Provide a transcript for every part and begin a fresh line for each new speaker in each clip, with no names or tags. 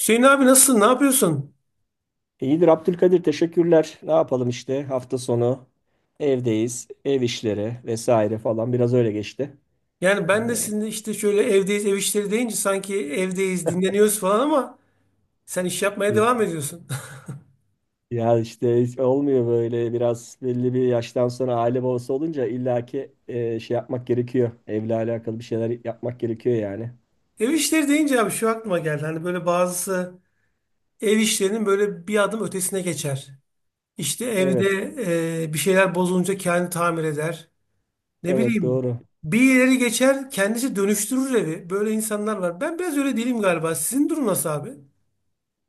Hüseyin abi nasılsın? Ne yapıyorsun?
İyidir Abdülkadir, teşekkürler. Ne yapalım işte, hafta sonu evdeyiz. Ev işleri vesaire falan, biraz öyle geçti.
Yani ben de
Ee,
sizinle işte şöyle evdeyiz, ev işleri deyince sanki evdeyiz, dinleniyoruz falan ama sen iş yapmaya
ya,
devam ediyorsun.
ya işte, hiç olmuyor böyle. Biraz belli bir yaştan sonra aile babası olunca illaki şey yapmak gerekiyor. Evle alakalı bir şeyler yapmak gerekiyor yani.
Ev işleri deyince abi şu aklıma geldi. Hani böyle bazısı ev işlerinin böyle bir adım ötesine geçer. İşte evde
Evet,
bir şeyler bozulunca kendi tamir eder. Ne
evet,
bileyim
doğru.
bir ileri geçer kendisi dönüştürür evi. Böyle insanlar var. Ben biraz öyle değilim galiba. Sizin durum nasıl abi?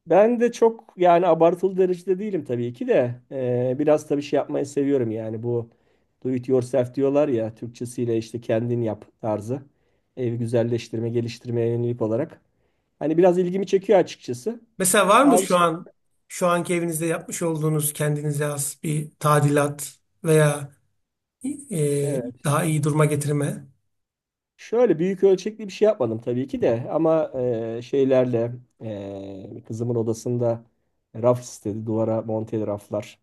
Ben de çok, yani abartılı derecede değilim tabii ki de. Biraz tabii şey yapmayı seviyorum yani. Bu do it yourself diyorlar ya, Türkçesiyle işte kendin yap tarzı, evi güzelleştirme geliştirmeye yönelik olarak hani biraz ilgimi çekiyor açıkçası.
Mesela var mı
Bazı
şu
şey,
an şu anki evinizde yapmış olduğunuz kendinize has bir tadilat veya
evet.
daha iyi duruma getirme?
Şöyle büyük ölçekli bir şey yapmadım tabii ki de, ama şeylerle, kızımın odasında raf istedi, duvara monteli raflar.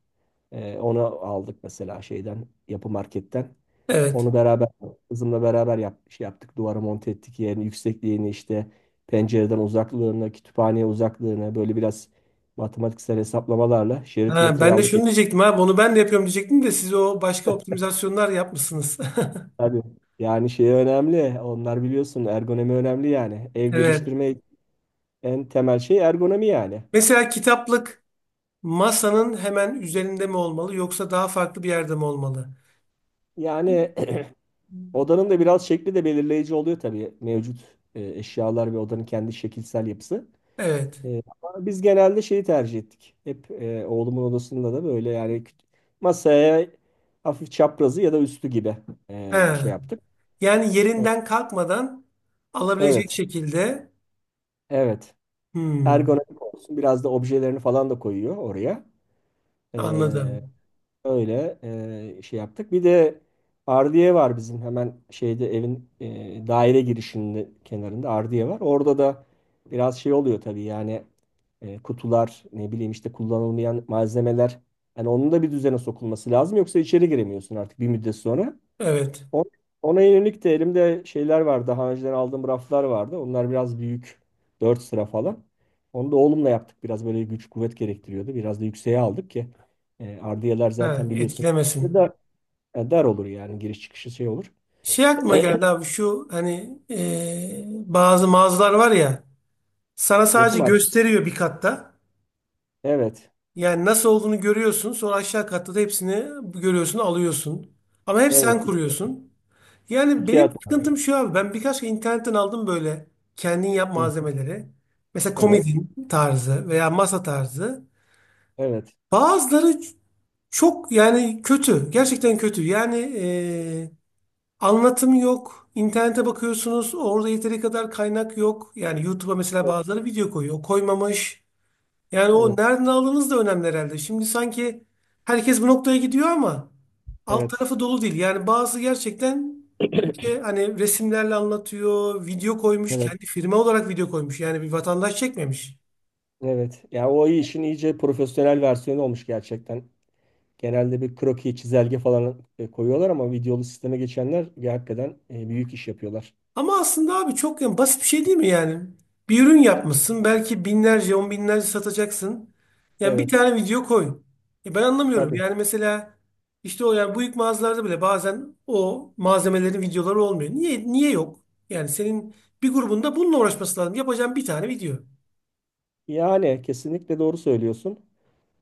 Onu aldık mesela şeyden, yapı marketten.
Evet.
Onu beraber, kızımla beraber şey yaptık. Duvara monte ettik, yerini, yüksekliğini, işte pencereden uzaklığını, kütüphaneye uzaklığını böyle biraz matematiksel hesaplamalarla, şerit
Ha,
metreyi
ben de
aldık
şunu
ettik.
diyecektim ha bunu ben de yapıyorum diyecektim de siz o başka optimizasyonlar yapmışsınız.
Tabii. Yani şey önemli. Onlar, biliyorsun, ergonomi önemli yani. Ev
Evet.
geliştirme en temel şey ergonomi yani.
Mesela kitaplık masanın hemen üzerinde mi olmalı yoksa daha farklı bir yerde mi olmalı?
Yani odanın da biraz şekli de belirleyici oluyor tabii, mevcut eşyalar ve odanın kendi şekilsel yapısı.
Evet.
Ama biz genelde şeyi tercih ettik. Hep, oğlumun odasında da böyle yani, masaya hafif çaprazı ya da üstü gibi
He.
şey yaptık.
Yani
O-
yerinden kalkmadan alabilecek
Evet,
şekilde.
evet.
Hmm,
Ergonomik olsun, biraz da objelerini falan da koyuyor oraya. Ee,
anladım.
Öyle şey yaptık. Bir de ardiye var bizim hemen şeyde, evin, daire girişinin kenarında ardiye var. Orada da biraz şey oluyor tabii yani, kutular, ne bileyim işte, kullanılmayan malzemeler. Yani onun da bir düzene sokulması lazım, yoksa içeri giremiyorsun artık bir müddet sonra.
Evet.
O- Ona yönelik de elimde şeyler var. Daha önceden aldığım raflar vardı. Onlar biraz büyük, 4 sıra falan. Onu da oğlumla yaptık. Biraz böyle güç kuvvet gerektiriyordu. Biraz da yükseğe aldık ki ardiyeler
Ha,
zaten biliyorsun
etkilemesin.
dar, dar olur yani, giriş çıkışı şey olur.
Şey aklıma geldi abi şu hani bazı mağazalar var ya sana sadece
Yapım arkası.
gösteriyor bir katta.
Evet.
Yani nasıl olduğunu görüyorsun sonra aşağı katta da hepsini görüyorsun alıyorsun. Ama hep sen
Evet. İki,
kuruyorsun. Yani
iki
benim
at.
sıkıntım şu abi ben birkaç kere internetten aldım böyle kendin yap
Hı hı.
malzemeleri. Mesela
Evet.
komodin tarzı veya masa tarzı.
Evet.
Bazıları çok yani kötü gerçekten kötü yani e, Anlatım yok. İnternete bakıyorsunuz. Orada yeteri kadar kaynak yok. Yani YouTube'a mesela bazıları video koyuyor. Koymamış. Yani o
Evet.
nereden aldığınız da önemli herhalde. Şimdi sanki herkes bu noktaya gidiyor ama alt
Evet.
tarafı dolu değil. Yani bazı gerçekten işte hani resimlerle anlatıyor. Video koymuş.
Evet.
Kendi firma olarak video koymuş. Yani bir vatandaş çekmemiş.
Evet. Ya, o işin iyice profesyonel versiyonu olmuş gerçekten. Genelde bir kroki, çizelge falan koyuyorlar, ama videolu sisteme geçenler hakikaten büyük iş yapıyorlar.
Ama aslında abi çok yani basit bir şey değil mi yani? Bir ürün yapmışsın belki binlerce on binlerce satacaksın. Yani bir
Evet,
tane video koy. Ben anlamıyorum.
tabii.
Yani mesela işte o yani büyük mağazalarda bile bazen o malzemelerin videoları olmuyor. Niye yok? Yani senin bir grubunda bununla uğraşması lazım. Yapacağın bir tane video.
Yani kesinlikle doğru söylüyorsun.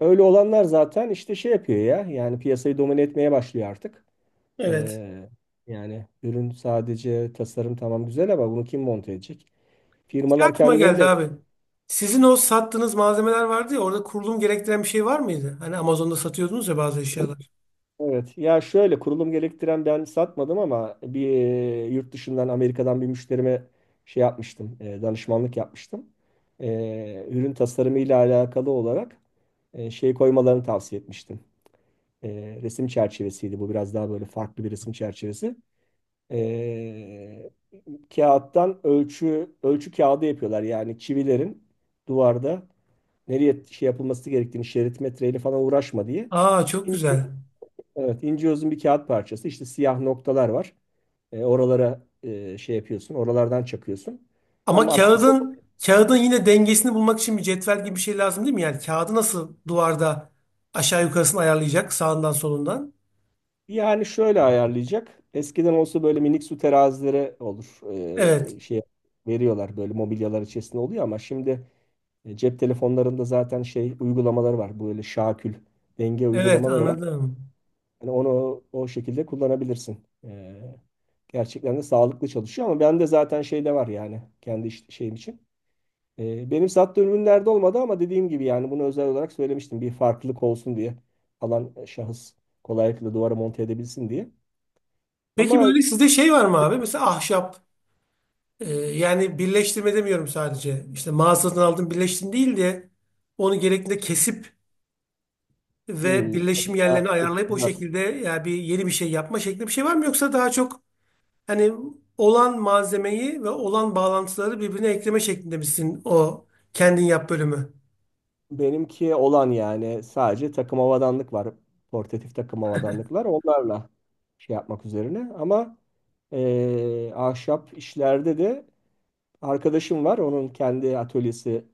Öyle olanlar zaten işte şey yapıyor ya. Yani piyasayı domine etmeye başlıyor artık.
Evet.
Ee, Yani ürün, sadece tasarım tamam güzel, ama bunu kim monte edecek?
Şey
Firmalar
aklıma
kendileri de.
geldi abi. Sizin o sattığınız malzemeler vardı ya orada kurulum gerektiren bir şey var mıydı? Hani Amazon'da satıyordunuz ya bazı eşyalar.
Evet. Ya şöyle, kurulum gerektiren ben satmadım, ama bir yurt dışından, Amerika'dan bir müşterime şey yapmıştım. Danışmanlık yapmıştım. E, Ürün tasarımı ile alakalı olarak şey koymalarını tavsiye etmiştim. E, Resim çerçevesiydi. Bu biraz daha böyle farklı bir resim çerçevesi. E, Kağıttan ölçü kağıdı yapıyorlar. Yani çivilerin duvarda nereye şey yapılması gerektiğini, şerit metreyle falan uğraşma diye.
Aa çok güzel.
Evet, ince uzun bir kağıt parçası. İşte siyah noktalar var. Oralara şey yapıyorsun, oralardan çakıyorsun.
Ama
Tam askısı.
kağıdın yine dengesini bulmak için bir cetvel gibi bir şey lazım değil mi? Yani kağıdı nasıl duvarda aşağı yukarısını ayarlayacak sağından solundan?
Yani şöyle ayarlayacak. Eskiden olsa böyle minik su terazileri olur.
Evet.
Şey veriyorlar, böyle mobilyalar içerisinde oluyor, ama şimdi cep telefonlarında zaten şey uygulamaları var. Böyle şakül, denge
Evet
uygulamaları var.
anladım.
Hani onu o şekilde kullanabilirsin. E, Gerçekten de sağlıklı çalışıyor, ama ben de zaten şeyde var yani, kendi şeyim için. Benim sattığım ürünlerde olmadı, ama dediğim gibi yani bunu özel olarak söylemiştim. Bir farklılık olsun diye, alan şahıs kolaylıkla duvara monte edebilsin diye.
Peki
Ama
böyle sizde şey var mı abi? Mesela ahşap yani birleştirme demiyorum sadece. İşte mağazadan aldım birleştim değil de onu gerektiğinde kesip ve
hmm,
birleşim
ya,
yerlerini ayarlayıp o
teçhizat.
şekilde yani bir yeni bir şey yapma şeklinde bir şey var mı? Yoksa daha çok hani olan malzemeyi ve olan bağlantıları birbirine ekleme şeklinde misin o kendin yap bölümü?
Benimki olan, yani sadece takım havadanlık var. Portatif takım havadanlıklar, onlarla şey yapmak üzerine. Ama ahşap işlerde de arkadaşım var. Onun kendi atölyesi,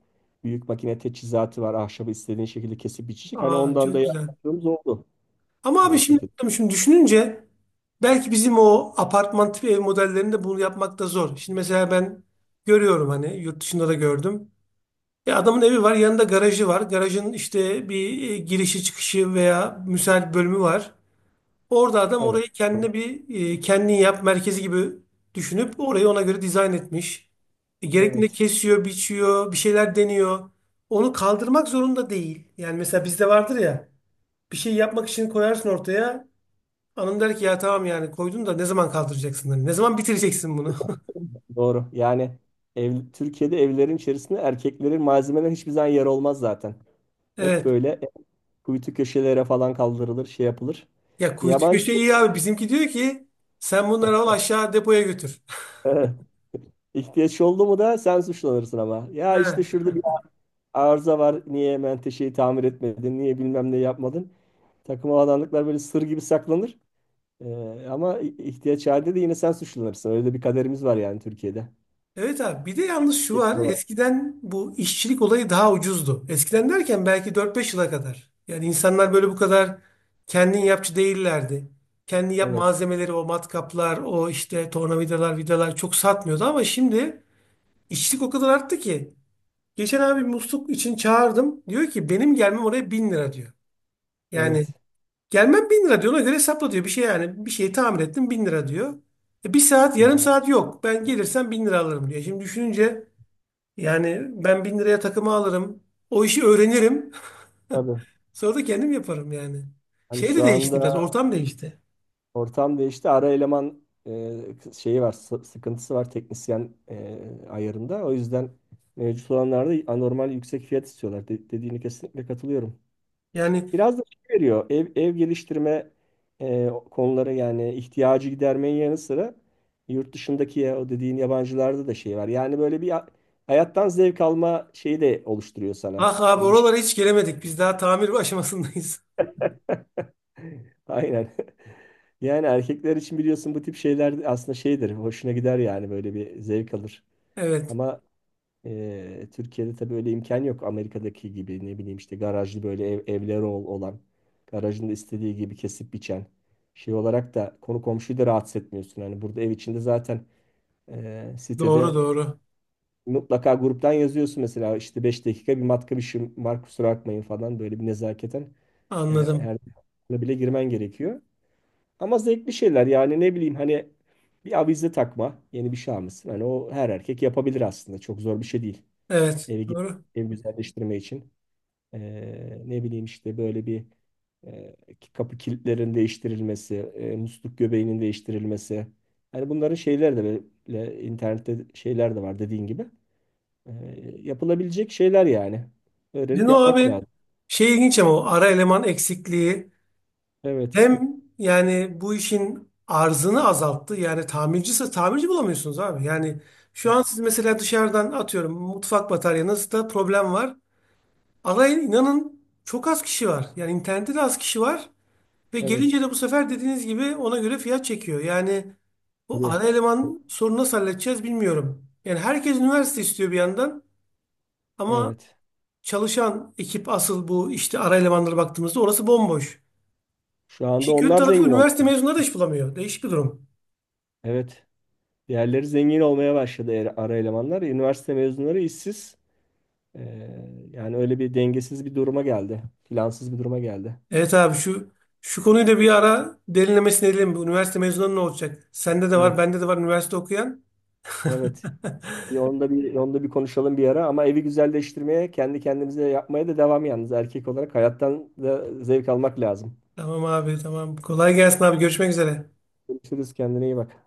büyük makine teçhizatı var. Ahşabı istediğin şekilde kesip biçecek. Hani
Aa
ondan da
çok güzel.
yardımcımız oldu.
Ama abi
O
şimdi,
şekilde.
şimdi düşününce belki bizim o apartman tipi ev modellerinde bunu yapmak da zor. Şimdi mesela ben görüyorum hani yurt dışında da gördüm. Adamın evi var yanında garajı var. Garajın işte bir girişi çıkışı veya müsait bölümü var. Orada adam
Evet.
orayı kendine bir kendin yap merkezi gibi düşünüp orayı ona göre dizayn etmiş. Gerektiğinde
Evet.
kesiyor, biçiyor, bir şeyler deniyor. Onu kaldırmak zorunda değil. Yani mesela bizde vardır ya bir şey yapmak için koyarsın ortaya. Hanım der ki ya tamam yani koydun da ne zaman kaldıracaksın? Hani ne zaman bitireceksin bunu?
Doğru. Yani ev, Türkiye'de evlerin içerisinde erkeklerin malzemeler hiçbir zaman yer olmaz zaten. Hep
Evet.
böyle kuytu köşelere falan kaldırılır, şey yapılır.
Ya kuytu
Yabancı
köşe iyi abi. Bizimki diyor ki sen bunları al aşağı depoya götür.
Evet. ihtiyaç oldu mu da sen suçlanırsın ama. Ya işte şurada bir
He.
arıza var, niye menteşeyi tamir etmedin, niye bilmem ne yapmadın? Takım alanlıklar böyle sır gibi saklanır. Ama ihtiyaç halinde de yine sen suçlanırsın. Öyle de bir kaderimiz var yani Türkiye'de.
Evet abi bir de yalnız şu
Erkekler
var
olarak.
eskiden bu işçilik olayı daha ucuzdu. Eskiden derken belki 4-5 yıla kadar. Yani insanlar böyle bu kadar kendin yapçı değillerdi. Kendi yap
Evet.
malzemeleri o matkaplar o işte tornavidalar vidalar çok satmıyordu ama şimdi işçilik o kadar arttı ki. Geçen abi musluk için çağırdım diyor ki benim gelmem oraya 1.000 lira diyor. Yani
Evet.
gelmem 1.000 lira diyor ona göre hesapla diyor bir şey yani bir şeyi tamir ettim 1.000 lira diyor. Bir saat yarım
Ya,
saat yok ben gelirsem 1.000 lira alırım diyor. Şimdi düşününce yani ben 1.000 liraya takımı alırım. O işi öğrenirim.
tabii.
Sonra da kendim yaparım yani.
Hani
Şey de
şu
değişti biraz.
anda
Ortam değişti.
ortam değişti. Ara eleman şeyi var, sıkıntısı var, teknisyen ayarında. O yüzden mevcut olanlarda anormal yüksek fiyat istiyorlar. Dediğine kesinlikle katılıyorum.
Yani
Biraz da şey veriyor. Ev, ev geliştirme konuları, yani ihtiyacı gidermenin yanı sıra yurt dışındaki, ya, o dediğin yabancılarda da şey var. Yani böyle bir hayattan zevk alma şeyi de oluşturuyor sana.
ah abi
Hani bir şey.
oralara hiç gelemedik. Biz daha tamir aşamasındayız.
Aynen. Yani erkekler için, biliyorsun, bu tip şeyler aslında şeydir, hoşuna gider yani, böyle bir zevk alır.
Evet.
Ama Türkiye'de tabii öyle imkan yok. Amerika'daki gibi, ne bileyim işte, garajlı böyle evleri olan, garajında istediği gibi kesip biçen, şey olarak da konu komşuyu da rahatsız etmiyorsun. Hani burada ev içinde zaten,
Doğru
sitede
doğru.
mutlaka gruptan yazıyorsun mesela, işte 5 dakika bir matka, bir şey var, kusura bakmayın falan, böyle bir nezaketen e,
Anladım.
her bile girmen gerekiyor. Ama zevkli şeyler yani, ne bileyim hani, bir avize takma, yeni bir şey almışsın. Hani o her erkek yapabilir, aslında çok zor bir şey değil.
Evet.
Evi, gü-
Doğru.
Evi güzelleştirme için. Ee, Ne bileyim işte, böyle bir e, kapı kilitlerin değiştirilmesi, musluk göbeğinin değiştirilmesi. Hani bunların şeyler de, böyle internette şeyler de var, dediğin gibi. Ee, Yapılabilecek şeyler yani.
Bizim
Öğrenip
o
yapmak
abi
lazım.
şey ilginç ama o ara eleman eksikliği
Evet.
hem yani bu işin arzını azalttı. Yani tamircisi tamirci bulamıyorsunuz abi. Yani şu an
Evet.
siz mesela dışarıdan atıyorum mutfak bataryanızda problem var. Alay inanın çok az kişi var. Yani internette de az kişi var. Ve gelince
Evet.
de bu sefer dediğiniz gibi ona göre fiyat çekiyor. Yani bu
Tabii.
ana eleman sorunu nasıl halledeceğiz bilmiyorum. Yani herkes üniversite istiyor bir yandan. Ama
Evet.
çalışan ekip asıl bu işte ara elemanlara baktığımızda orası bomboş.
Şu anda
İşin kötü
onlar
tarafı
zengin oldu.
üniversite mezunları da iş bulamıyor. Değişik bir durum.
Evet. Diğerleri zengin olmaya başladı, ara elemanlar. Üniversite mezunları işsiz. Yani öyle bir dengesiz bir duruma geldi. Plansız bir duruma geldi.
Evet abi şu konuyu da bir ara derinlemesine edelim. Bu üniversite mezunları ne olacak? Sende de var,
Evet.
bende de var üniversite okuyan.
Evet. Bir onda bir Onda bir konuşalım bir ara, ama evi güzelleştirmeye, kendi kendimize yapmaya da devam. Yalnız erkek olarak hayattan da zevk almak lazım.
Tamam abi tamam. Kolay gelsin abi. Görüşmek üzere.
Görüşürüz, kendine iyi bak.